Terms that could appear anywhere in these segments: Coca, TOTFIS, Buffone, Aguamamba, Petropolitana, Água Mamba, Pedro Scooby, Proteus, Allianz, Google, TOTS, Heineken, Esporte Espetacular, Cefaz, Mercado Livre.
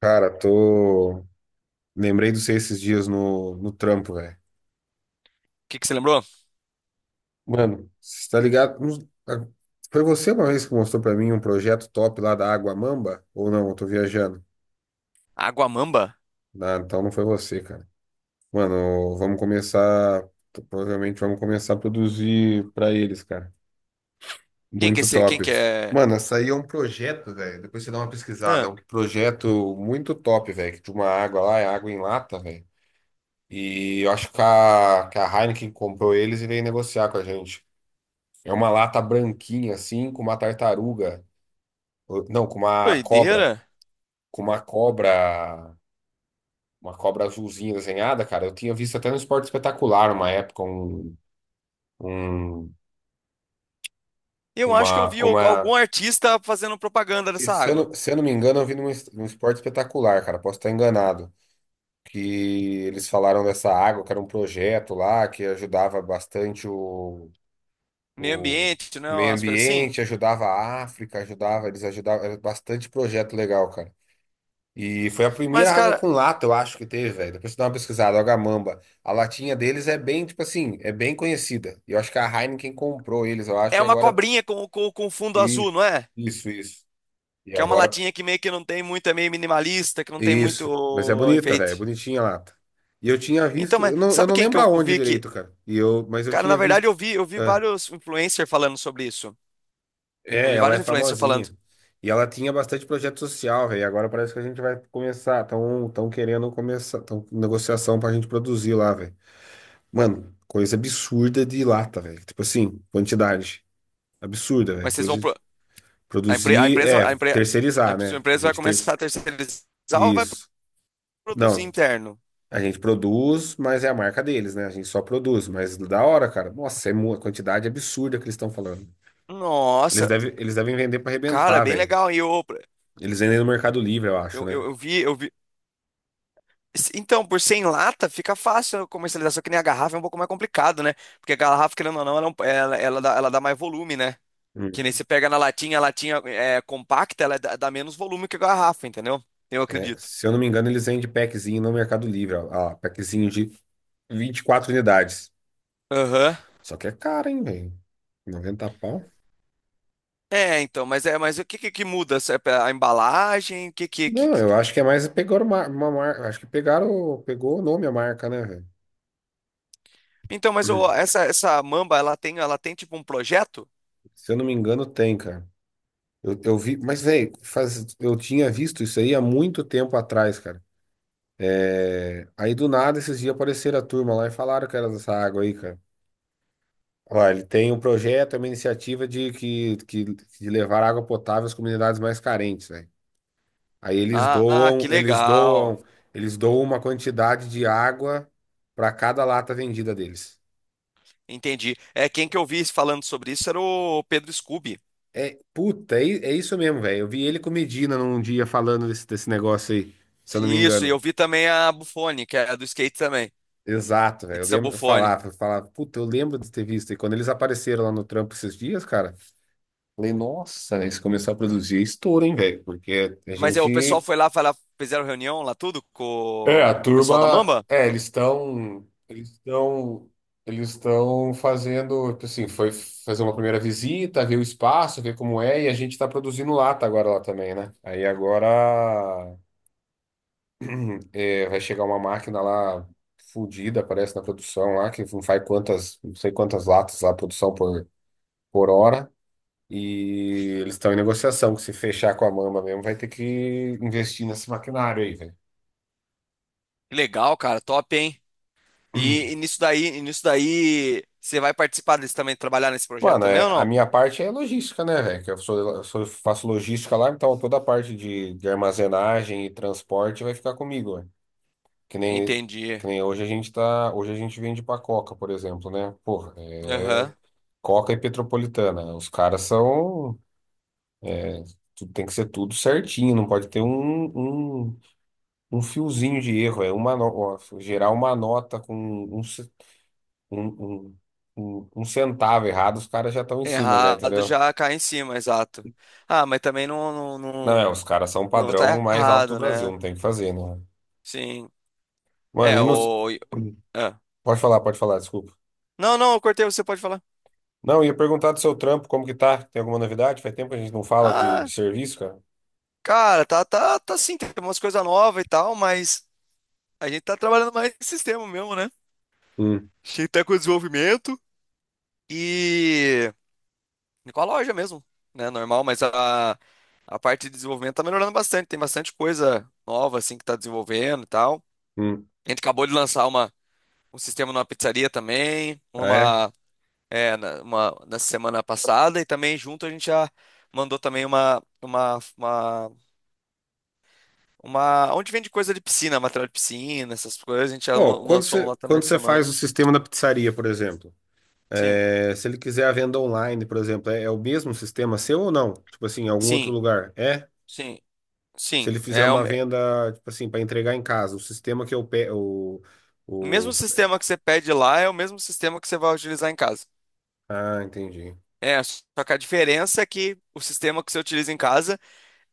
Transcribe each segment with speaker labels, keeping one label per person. Speaker 1: Cara, tô. Lembrei de você esses dias no trampo, velho.
Speaker 2: Que você lembrou?
Speaker 1: Mano, você tá ligado? Foi você uma vez que mostrou pra mim um projeto top lá da Água Mamba? Ou não? Eu tô viajando.
Speaker 2: Aguamamba?
Speaker 1: Ah, então não foi você, cara. Mano, vamos começar. Provavelmente vamos começar a produzir pra eles, cara.
Speaker 2: Quem que é
Speaker 1: Muito
Speaker 2: esse? Quem
Speaker 1: top.
Speaker 2: que é?
Speaker 1: Mano, essa aí é um projeto, velho. Depois você dá uma pesquisada. É
Speaker 2: Ah,
Speaker 1: um projeto muito top, velho. De uma água lá, é água em lata, velho. E eu acho que a Heineken comprou eles e veio negociar com a gente. É uma lata branquinha, assim, com uma tartaruga. Não, com uma cobra.
Speaker 2: doideira.
Speaker 1: Com uma cobra. Uma cobra azulzinha desenhada, cara. Eu tinha visto até no Esporte Espetacular uma época. Um-
Speaker 2: Eu acho que eu
Speaker 1: uma,
Speaker 2: vi algum
Speaker 1: uma...
Speaker 2: artista fazendo propaganda dessa
Speaker 1: Se eu
Speaker 2: água.
Speaker 1: não, se eu não me engano, eu vi num Esporte Espetacular, cara. Posso estar enganado. Que eles falaram dessa água, que era um projeto lá que ajudava bastante
Speaker 2: Meio
Speaker 1: o
Speaker 2: ambiente, né?
Speaker 1: meio
Speaker 2: Umas coisas assim.
Speaker 1: ambiente, ajudava a África, ajudava, eles ajudavam, era bastante projeto legal, cara. E foi a
Speaker 2: Mas,
Speaker 1: primeira água
Speaker 2: cara,
Speaker 1: com lata, eu acho que teve, velho. Depois você dá uma pesquisada, Agamamba. A latinha deles é bem, tipo assim, é bem conhecida. E eu acho que a Heineken comprou eles, eu
Speaker 2: é
Speaker 1: acho, e
Speaker 2: uma
Speaker 1: agora.
Speaker 2: cobrinha com, com fundo
Speaker 1: E,
Speaker 2: azul, não é?
Speaker 1: isso, isso. E
Speaker 2: Que é uma
Speaker 1: agora.
Speaker 2: latinha que meio que não tem muito, é meio minimalista, que não tem
Speaker 1: Isso. Mas é
Speaker 2: muito
Speaker 1: bonita, velho. É
Speaker 2: enfeite.
Speaker 1: bonitinha a lata. E eu tinha
Speaker 2: Então,
Speaker 1: visto.
Speaker 2: mas
Speaker 1: Eu não, eu
Speaker 2: sabe
Speaker 1: não
Speaker 2: quem que
Speaker 1: lembro
Speaker 2: eu
Speaker 1: aonde
Speaker 2: vi que.
Speaker 1: direito, cara. Mas eu
Speaker 2: Cara, na
Speaker 1: tinha
Speaker 2: verdade,
Speaker 1: visto.
Speaker 2: eu vi vários influencers falando sobre isso. Eu
Speaker 1: É,
Speaker 2: vi
Speaker 1: ela é
Speaker 2: vários influencers falando.
Speaker 1: famosinha. E ela tinha bastante projeto social, velho. Agora parece que a gente vai começar. Estão tão tão querendo começar. Estão com negociação pra gente produzir lá, velho. Mano, coisa absurda de lata, velho. Tipo assim, quantidade. Absurda,
Speaker 2: Mas
Speaker 1: velho.
Speaker 2: vocês vão
Speaker 1: Coisa
Speaker 2: pro
Speaker 1: de
Speaker 2: A, empre- a
Speaker 1: produzir.
Speaker 2: empresa,
Speaker 1: É,
Speaker 2: a empre-
Speaker 1: terceirizar,
Speaker 2: a sua
Speaker 1: né? A
Speaker 2: empresa vai
Speaker 1: gente ter...
Speaker 2: começar a terceirizar ou vai
Speaker 1: Isso.
Speaker 2: produzir
Speaker 1: Não,
Speaker 2: interno?
Speaker 1: a gente produz, mas é a marca deles, né? A gente só produz. Mas da hora, cara. Nossa, é uma quantidade absurda que eles estão falando. Eles
Speaker 2: Nossa,
Speaker 1: devem, eles devem vender pra
Speaker 2: cara, é
Speaker 1: arrebentar,
Speaker 2: bem
Speaker 1: velho.
Speaker 2: legal. E
Speaker 1: Eles vendem no Mercado Livre, eu acho, né?
Speaker 2: eu vi. Então, por 100 lata fica fácil a comercialização, que nem a garrafa é um pouco mais complicado, né? Porque a garrafa, querendo ou não, ela, ela dá mais volume, né? Que
Speaker 1: Hum.
Speaker 2: nem você pega na latinha, a latinha é compacta, ela dá, dá menos volume que a garrafa, entendeu? Eu
Speaker 1: É,
Speaker 2: acredito.
Speaker 1: se eu não me engano, eles vendem packzinho no Mercado Livre. Ó, ó, packzinho de 24 unidades.
Speaker 2: Aham.
Speaker 1: Só que é caro, hein, velho? 90 pau.
Speaker 2: É, então, mas é, mas o que que muda? Se é pra- A embalagem? O que que, que.
Speaker 1: Não, eu acho que é mais pegaram uma marca. Acho que pegaram, pegou o nome a marca, né, velho?
Speaker 2: Então, mas ô, essa Mamba, ela tem tipo um projeto?
Speaker 1: Se eu não me engano, tem, cara. Eu vi, mas, velho, eu tinha visto isso aí há muito tempo atrás, cara. É, aí do nada, esses dias apareceram a turma lá e falaram que era dessa água aí, cara. Ó, ele tem um projeto, é uma iniciativa de levar água potável às comunidades mais carentes, velho. Aí eles
Speaker 2: Ah, ah,
Speaker 1: doam,
Speaker 2: que
Speaker 1: eles doam,
Speaker 2: legal.
Speaker 1: eles doam uma quantidade de água para cada lata vendida deles.
Speaker 2: Entendi. É, quem que eu vi falando sobre isso era o Pedro Scooby.
Speaker 1: É, puta, é isso mesmo, velho. Eu vi ele com o Medina num dia falando desse negócio aí, se eu não me
Speaker 2: Isso, e
Speaker 1: engano.
Speaker 2: eu vi também a Buffone, que é a do skate também.
Speaker 1: Exato, velho. Eu
Speaker 2: It's a
Speaker 1: lembro, eu
Speaker 2: Buffone.
Speaker 1: falava, eu falava, puta, eu lembro de ter visto. E quando eles apareceram lá no trampo esses dias, cara, falei, nossa, né, eles começaram a produzir é estouro, hein, velho? Porque a
Speaker 2: Mas é, o pessoal
Speaker 1: gente.
Speaker 2: foi lá, fizeram reunião lá tudo com
Speaker 1: É, a
Speaker 2: o pessoal da
Speaker 1: turma,
Speaker 2: Mamba?
Speaker 1: é, eles estão fazendo, tipo assim, foi fazer uma primeira visita, ver o espaço, ver como é, e a gente está produzindo lata agora lá também, né? Aí agora vai chegar uma máquina lá fudida, parece, na produção lá, que não faz não sei quantas latas lá, produção por hora, e eles estão em negociação, que se fechar com a Mamba mesmo, vai ter que investir nesse maquinário aí, velho.
Speaker 2: Que legal, cara, top, hein? E, e nisso daí, você vai participar deles também, trabalhar nesse projeto
Speaker 1: Mano,
Speaker 2: também ou
Speaker 1: a
Speaker 2: não?
Speaker 1: minha parte é logística, né, velho? Que faço logística lá, então toda a parte de armazenagem e transporte vai ficar comigo, velho. Que nem,
Speaker 2: Entendi.
Speaker 1: que nem hoje a gente tá. Hoje a gente vende pra Coca, por exemplo, né? Porra, é
Speaker 2: Aham.
Speaker 1: Coca e Petropolitana, né? Os caras são. Tem que ser tudo certinho, não pode ter um fiozinho de erro. É uma, no- ó, gerar uma nota com um, um, um centavo errado, os caras já estão em cima, já,
Speaker 2: Errado
Speaker 1: entendeu?
Speaker 2: já cai em cima, exato. Ah, mas também
Speaker 1: Não,
Speaker 2: não,
Speaker 1: os caras são o
Speaker 2: não
Speaker 1: padrão
Speaker 2: tá
Speaker 1: mais alto do
Speaker 2: errado,
Speaker 1: Brasil,
Speaker 2: né?
Speaker 1: não tem o que fazer, né?
Speaker 2: Sim.
Speaker 1: Mano,
Speaker 2: É,
Speaker 1: e nos...
Speaker 2: o. É.
Speaker 1: Pode falar, desculpa.
Speaker 2: Não, não, eu cortei, você pode falar.
Speaker 1: Não, eu ia perguntar do seu trampo, como que tá? Tem alguma novidade? Faz tempo que a gente não fala de
Speaker 2: Ah,
Speaker 1: serviço, cara.
Speaker 2: cara, tá sim, tem umas coisas novas e tal, mas a gente tá trabalhando mais no sistema mesmo, né?
Speaker 1: Hum,
Speaker 2: A gente tá com o desenvolvimento e. Com a loja mesmo, né? Normal, mas a parte de desenvolvimento tá melhorando bastante, tem bastante coisa nova, assim, que tá desenvolvendo e tal.
Speaker 1: hum.
Speaker 2: A gente acabou de lançar uma. Um sistema numa pizzaria também,
Speaker 1: Ah, é?
Speaker 2: uma, é, na, uma na semana passada, e também junto a gente já mandou também onde vende coisa de piscina, material de piscina, essas coisas, a gente já
Speaker 1: Pô, quando
Speaker 2: lançou um
Speaker 1: você,
Speaker 2: lá também
Speaker 1: quando
Speaker 2: essa
Speaker 1: você faz
Speaker 2: semana.
Speaker 1: o sistema da pizzaria, por exemplo,
Speaker 2: Sim,
Speaker 1: se ele quiser a venda online, por exemplo, é o mesmo sistema seu ou não? Tipo assim, em algum outro
Speaker 2: sim,
Speaker 1: lugar? É?
Speaker 2: sim,
Speaker 1: Se
Speaker 2: sim.
Speaker 1: ele fizer uma venda, tipo assim, para entregar em casa, o sistema que eu pego.
Speaker 2: O mesmo
Speaker 1: O, o...
Speaker 2: sistema que você pede lá é o mesmo sistema que você vai utilizar em casa.
Speaker 1: Ah, entendi.
Speaker 2: É, só que a diferença é que o sistema que você utiliza em casa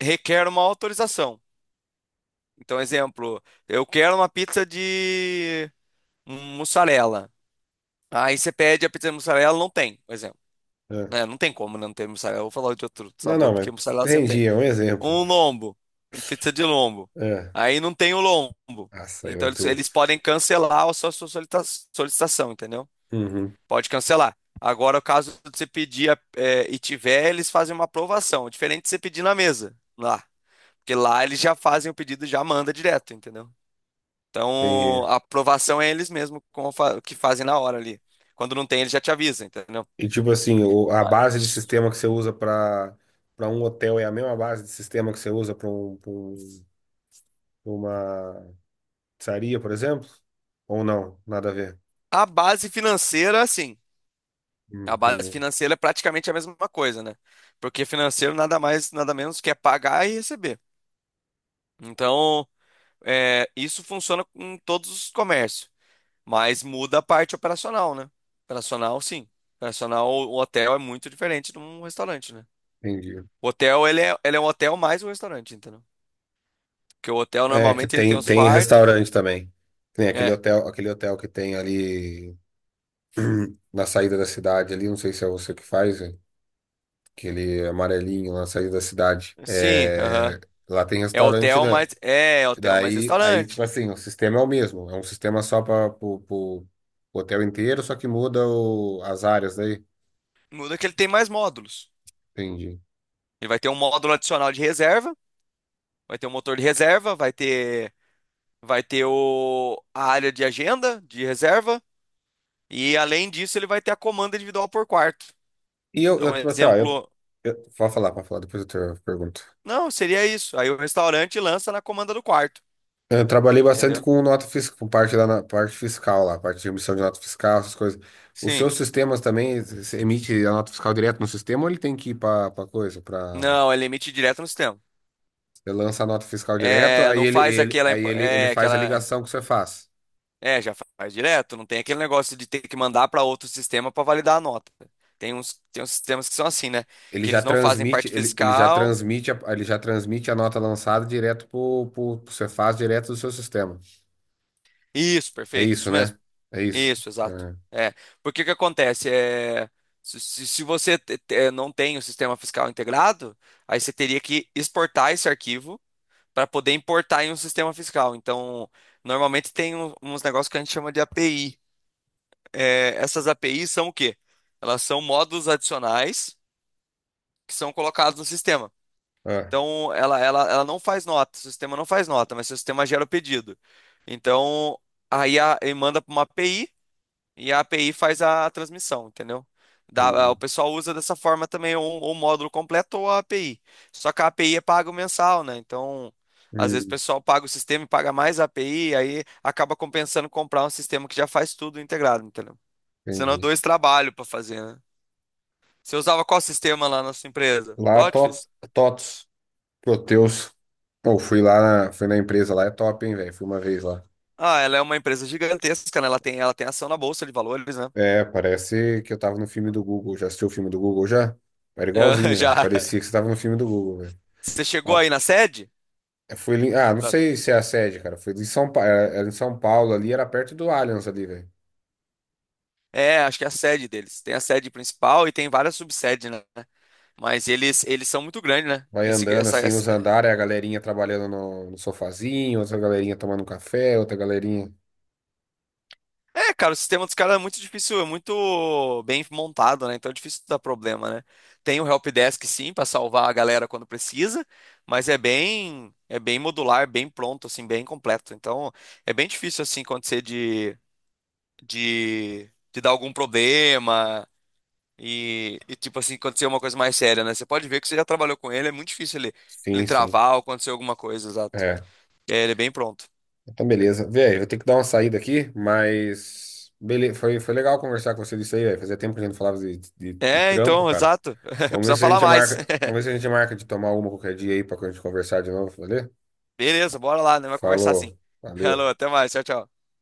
Speaker 2: requer uma autorização. Então, exemplo, eu quero uma pizza de um mussarela. Aí você pede a pizza de mussarela, não tem, por exemplo.
Speaker 1: É.
Speaker 2: Né? Não tem como não ter mussarela. Eu vou falar de outro
Speaker 1: Não,
Speaker 2: sabor,
Speaker 1: não,
Speaker 2: porque
Speaker 1: mas
Speaker 2: mussarela sempre tem.
Speaker 1: entendi, é um exemplo.
Speaker 2: Um lombo, pizza de lombo.
Speaker 1: É.
Speaker 2: Aí não tem o lombo.
Speaker 1: Nossa, aí
Speaker 2: Então
Speaker 1: vai
Speaker 2: eles,
Speaker 1: tu.
Speaker 2: eles podem cancelar a sua, solicitação, entendeu?
Speaker 1: Uhum,
Speaker 2: Pode cancelar. Agora, caso você pedir é, e tiver, eles fazem uma aprovação. Diferente de você pedir na mesa, lá. Porque lá eles já fazem o pedido, e já manda direto, entendeu? Então,
Speaker 1: entendi.
Speaker 2: a aprovação é eles mesmos que fazem na hora ali. Quando não tem, eles já te avisam, entendeu?
Speaker 1: E tipo assim, a
Speaker 2: Claro.
Speaker 1: base de sistema que você usa para um hotel é a mesma base de sistema que você usa para pra uma pizzaria, por exemplo? Ou não? Nada a ver.
Speaker 2: A base financeira, sim. A base
Speaker 1: Entendi.
Speaker 2: financeira é praticamente a mesma coisa, né? Porque financeiro nada mais, nada menos que é pagar e receber. Então, é, isso funciona em todos os comércios, mas muda a parte operacional, né? Operacional, sim. Operacional, o hotel é muito diferente de um restaurante, né?
Speaker 1: Entendi.
Speaker 2: O hotel, ele é um hotel mais um restaurante, entendeu? Porque o hotel
Speaker 1: É, que
Speaker 2: normalmente ele tem
Speaker 1: tem,
Speaker 2: os
Speaker 1: tem
Speaker 2: quartos. É.
Speaker 1: restaurante também. Tem aquele
Speaker 2: É,
Speaker 1: hotel, que tem ali na saída da cidade ali, não sei se é você que faz. Aquele amarelinho lá na saída da cidade.
Speaker 2: sim, aham.
Speaker 1: É, lá tem
Speaker 2: É
Speaker 1: restaurante,
Speaker 2: hotel,
Speaker 1: né?
Speaker 2: mas é é hotel mais
Speaker 1: Daí, aí, tipo
Speaker 2: restaurante.
Speaker 1: assim, o sistema é o mesmo. É um sistema só para o hotel inteiro, só que muda as áreas daí.
Speaker 2: Muda que ele tem mais módulos.
Speaker 1: Entendi.
Speaker 2: Ele vai ter um módulo adicional de reserva, vai ter um motor de reserva, vai ter o a área de agenda de reserva e além disso ele vai ter a comanda individual por quarto. Então, um
Speaker 1: Tipo assim, ó,
Speaker 2: exemplo,
Speaker 1: pode falar, depois eu te pergunto.
Speaker 2: não, seria isso. Aí o restaurante lança na comanda do quarto,
Speaker 1: Eu trabalhei bastante
Speaker 2: entendeu?
Speaker 1: com nota fiscal, com parte parte fiscal lá, parte de emissão de nota fiscal, essas coisas. Os
Speaker 2: Sim.
Speaker 1: seus sistemas também, você emite a nota fiscal direto no sistema ou ele tem que ir para coisa, para.
Speaker 2: Não, é limite direto no sistema.
Speaker 1: Você lança a nota fiscal direto,
Speaker 2: É, não faz aquela imp-
Speaker 1: ele
Speaker 2: é
Speaker 1: faz a
Speaker 2: aquela
Speaker 1: ligação que você faz.
Speaker 2: É, já faz direto, não tem aquele negócio de ter que mandar para outro sistema para validar a nota. Tem uns sistemas que são assim, né?
Speaker 1: Ele
Speaker 2: Que
Speaker 1: já
Speaker 2: eles não fazem
Speaker 1: transmite,
Speaker 2: parte
Speaker 1: ele,
Speaker 2: fiscal.
Speaker 1: Ele já transmite a nota lançada direto pro Cefaz, direto do seu sistema.
Speaker 2: Isso,
Speaker 1: É
Speaker 2: perfeito,
Speaker 1: isso,
Speaker 2: isso mesmo.
Speaker 1: né? É isso.
Speaker 2: Isso, exato.
Speaker 1: É.
Speaker 2: É, porque o que acontece é se você não tem o sistema fiscal integrado, aí você teria que exportar esse arquivo para poder importar em um sistema fiscal. Então, normalmente tem uns negócios que a gente chama de API. É, essas APIs são o quê? Elas são módulos adicionais que são colocados no sistema.
Speaker 1: Ah,
Speaker 2: Então, ela não faz nota, o sistema não faz nota, mas o sistema gera o pedido. Então, aí a, ele manda para uma API e a API faz a transmissão, entendeu? Dá- o
Speaker 1: entendi.
Speaker 2: pessoal usa dessa forma também ou o módulo completo ou a API. Só que a API é pago mensal, né? Então, às vezes o
Speaker 1: Hum,
Speaker 2: pessoal paga o sistema e paga mais a API, aí acaba compensando comprar um sistema que já faz tudo integrado, entendeu? Senão,
Speaker 1: entendi.
Speaker 2: dois trabalhos para fazer, né? Você usava qual sistema lá na sua empresa?
Speaker 1: Lá,
Speaker 2: TOTFIS?
Speaker 1: TOTS, Proteus. Pô, fui lá, fui na empresa lá, é top, hein, velho? Fui uma vez lá.
Speaker 2: Ah, ela é uma empresa gigantesca, né? Ela tem ação na Bolsa de Valores, né?
Speaker 1: É, parece que eu tava no filme do Google. Já assistiu o filme do Google já? Era igualzinho, velho.
Speaker 2: Já.
Speaker 1: Parecia que você tava no filme do Google, velho.
Speaker 2: Você chegou aí na sede?
Speaker 1: Não
Speaker 2: Na-
Speaker 1: sei se é a sede, cara. Foi em São Paulo, era em São Paulo ali, era perto do Allianz ali, velho.
Speaker 2: É, acho que é a sede deles. Tem a sede principal e tem várias subsedes, né? Mas eles são muito grandes, né?
Speaker 1: Vai andando assim nos andares, a galerinha trabalhando no sofazinho, outra galerinha tomando um café, outra galerinha.
Speaker 2: É, cara, o sistema dos caras é muito difícil, é muito bem montado, né? Então é difícil dar problema, né? Tem o helpdesk, sim, para salvar a galera quando precisa, mas é bem modular, bem pronto, assim, bem completo. Então é bem difícil, assim, acontecer de de dar algum problema e, tipo assim, acontecer uma coisa mais séria, né? Você pode ver que você já trabalhou com ele, é muito difícil ele, ele
Speaker 1: Sim, sim.
Speaker 2: travar ou acontecer alguma coisa, exato.
Speaker 1: É,
Speaker 2: É, ele é bem pronto.
Speaker 1: então beleza. Velho, vou ter que dar uma saída aqui, mas beleza, foi legal conversar com você disso aí, velho. Fazia tempo que a gente não falava de
Speaker 2: É,
Speaker 1: trampo,
Speaker 2: então,
Speaker 1: cara.
Speaker 2: exato. Precisa falar mais.
Speaker 1: Vamos ver se a gente marca de tomar uma qualquer dia aí pra gente conversar de novo, valeu?
Speaker 2: Beleza, bora lá, né? Vai conversar sim.
Speaker 1: Falou,
Speaker 2: Alô,
Speaker 1: valeu.
Speaker 2: até mais, tchau, tchau.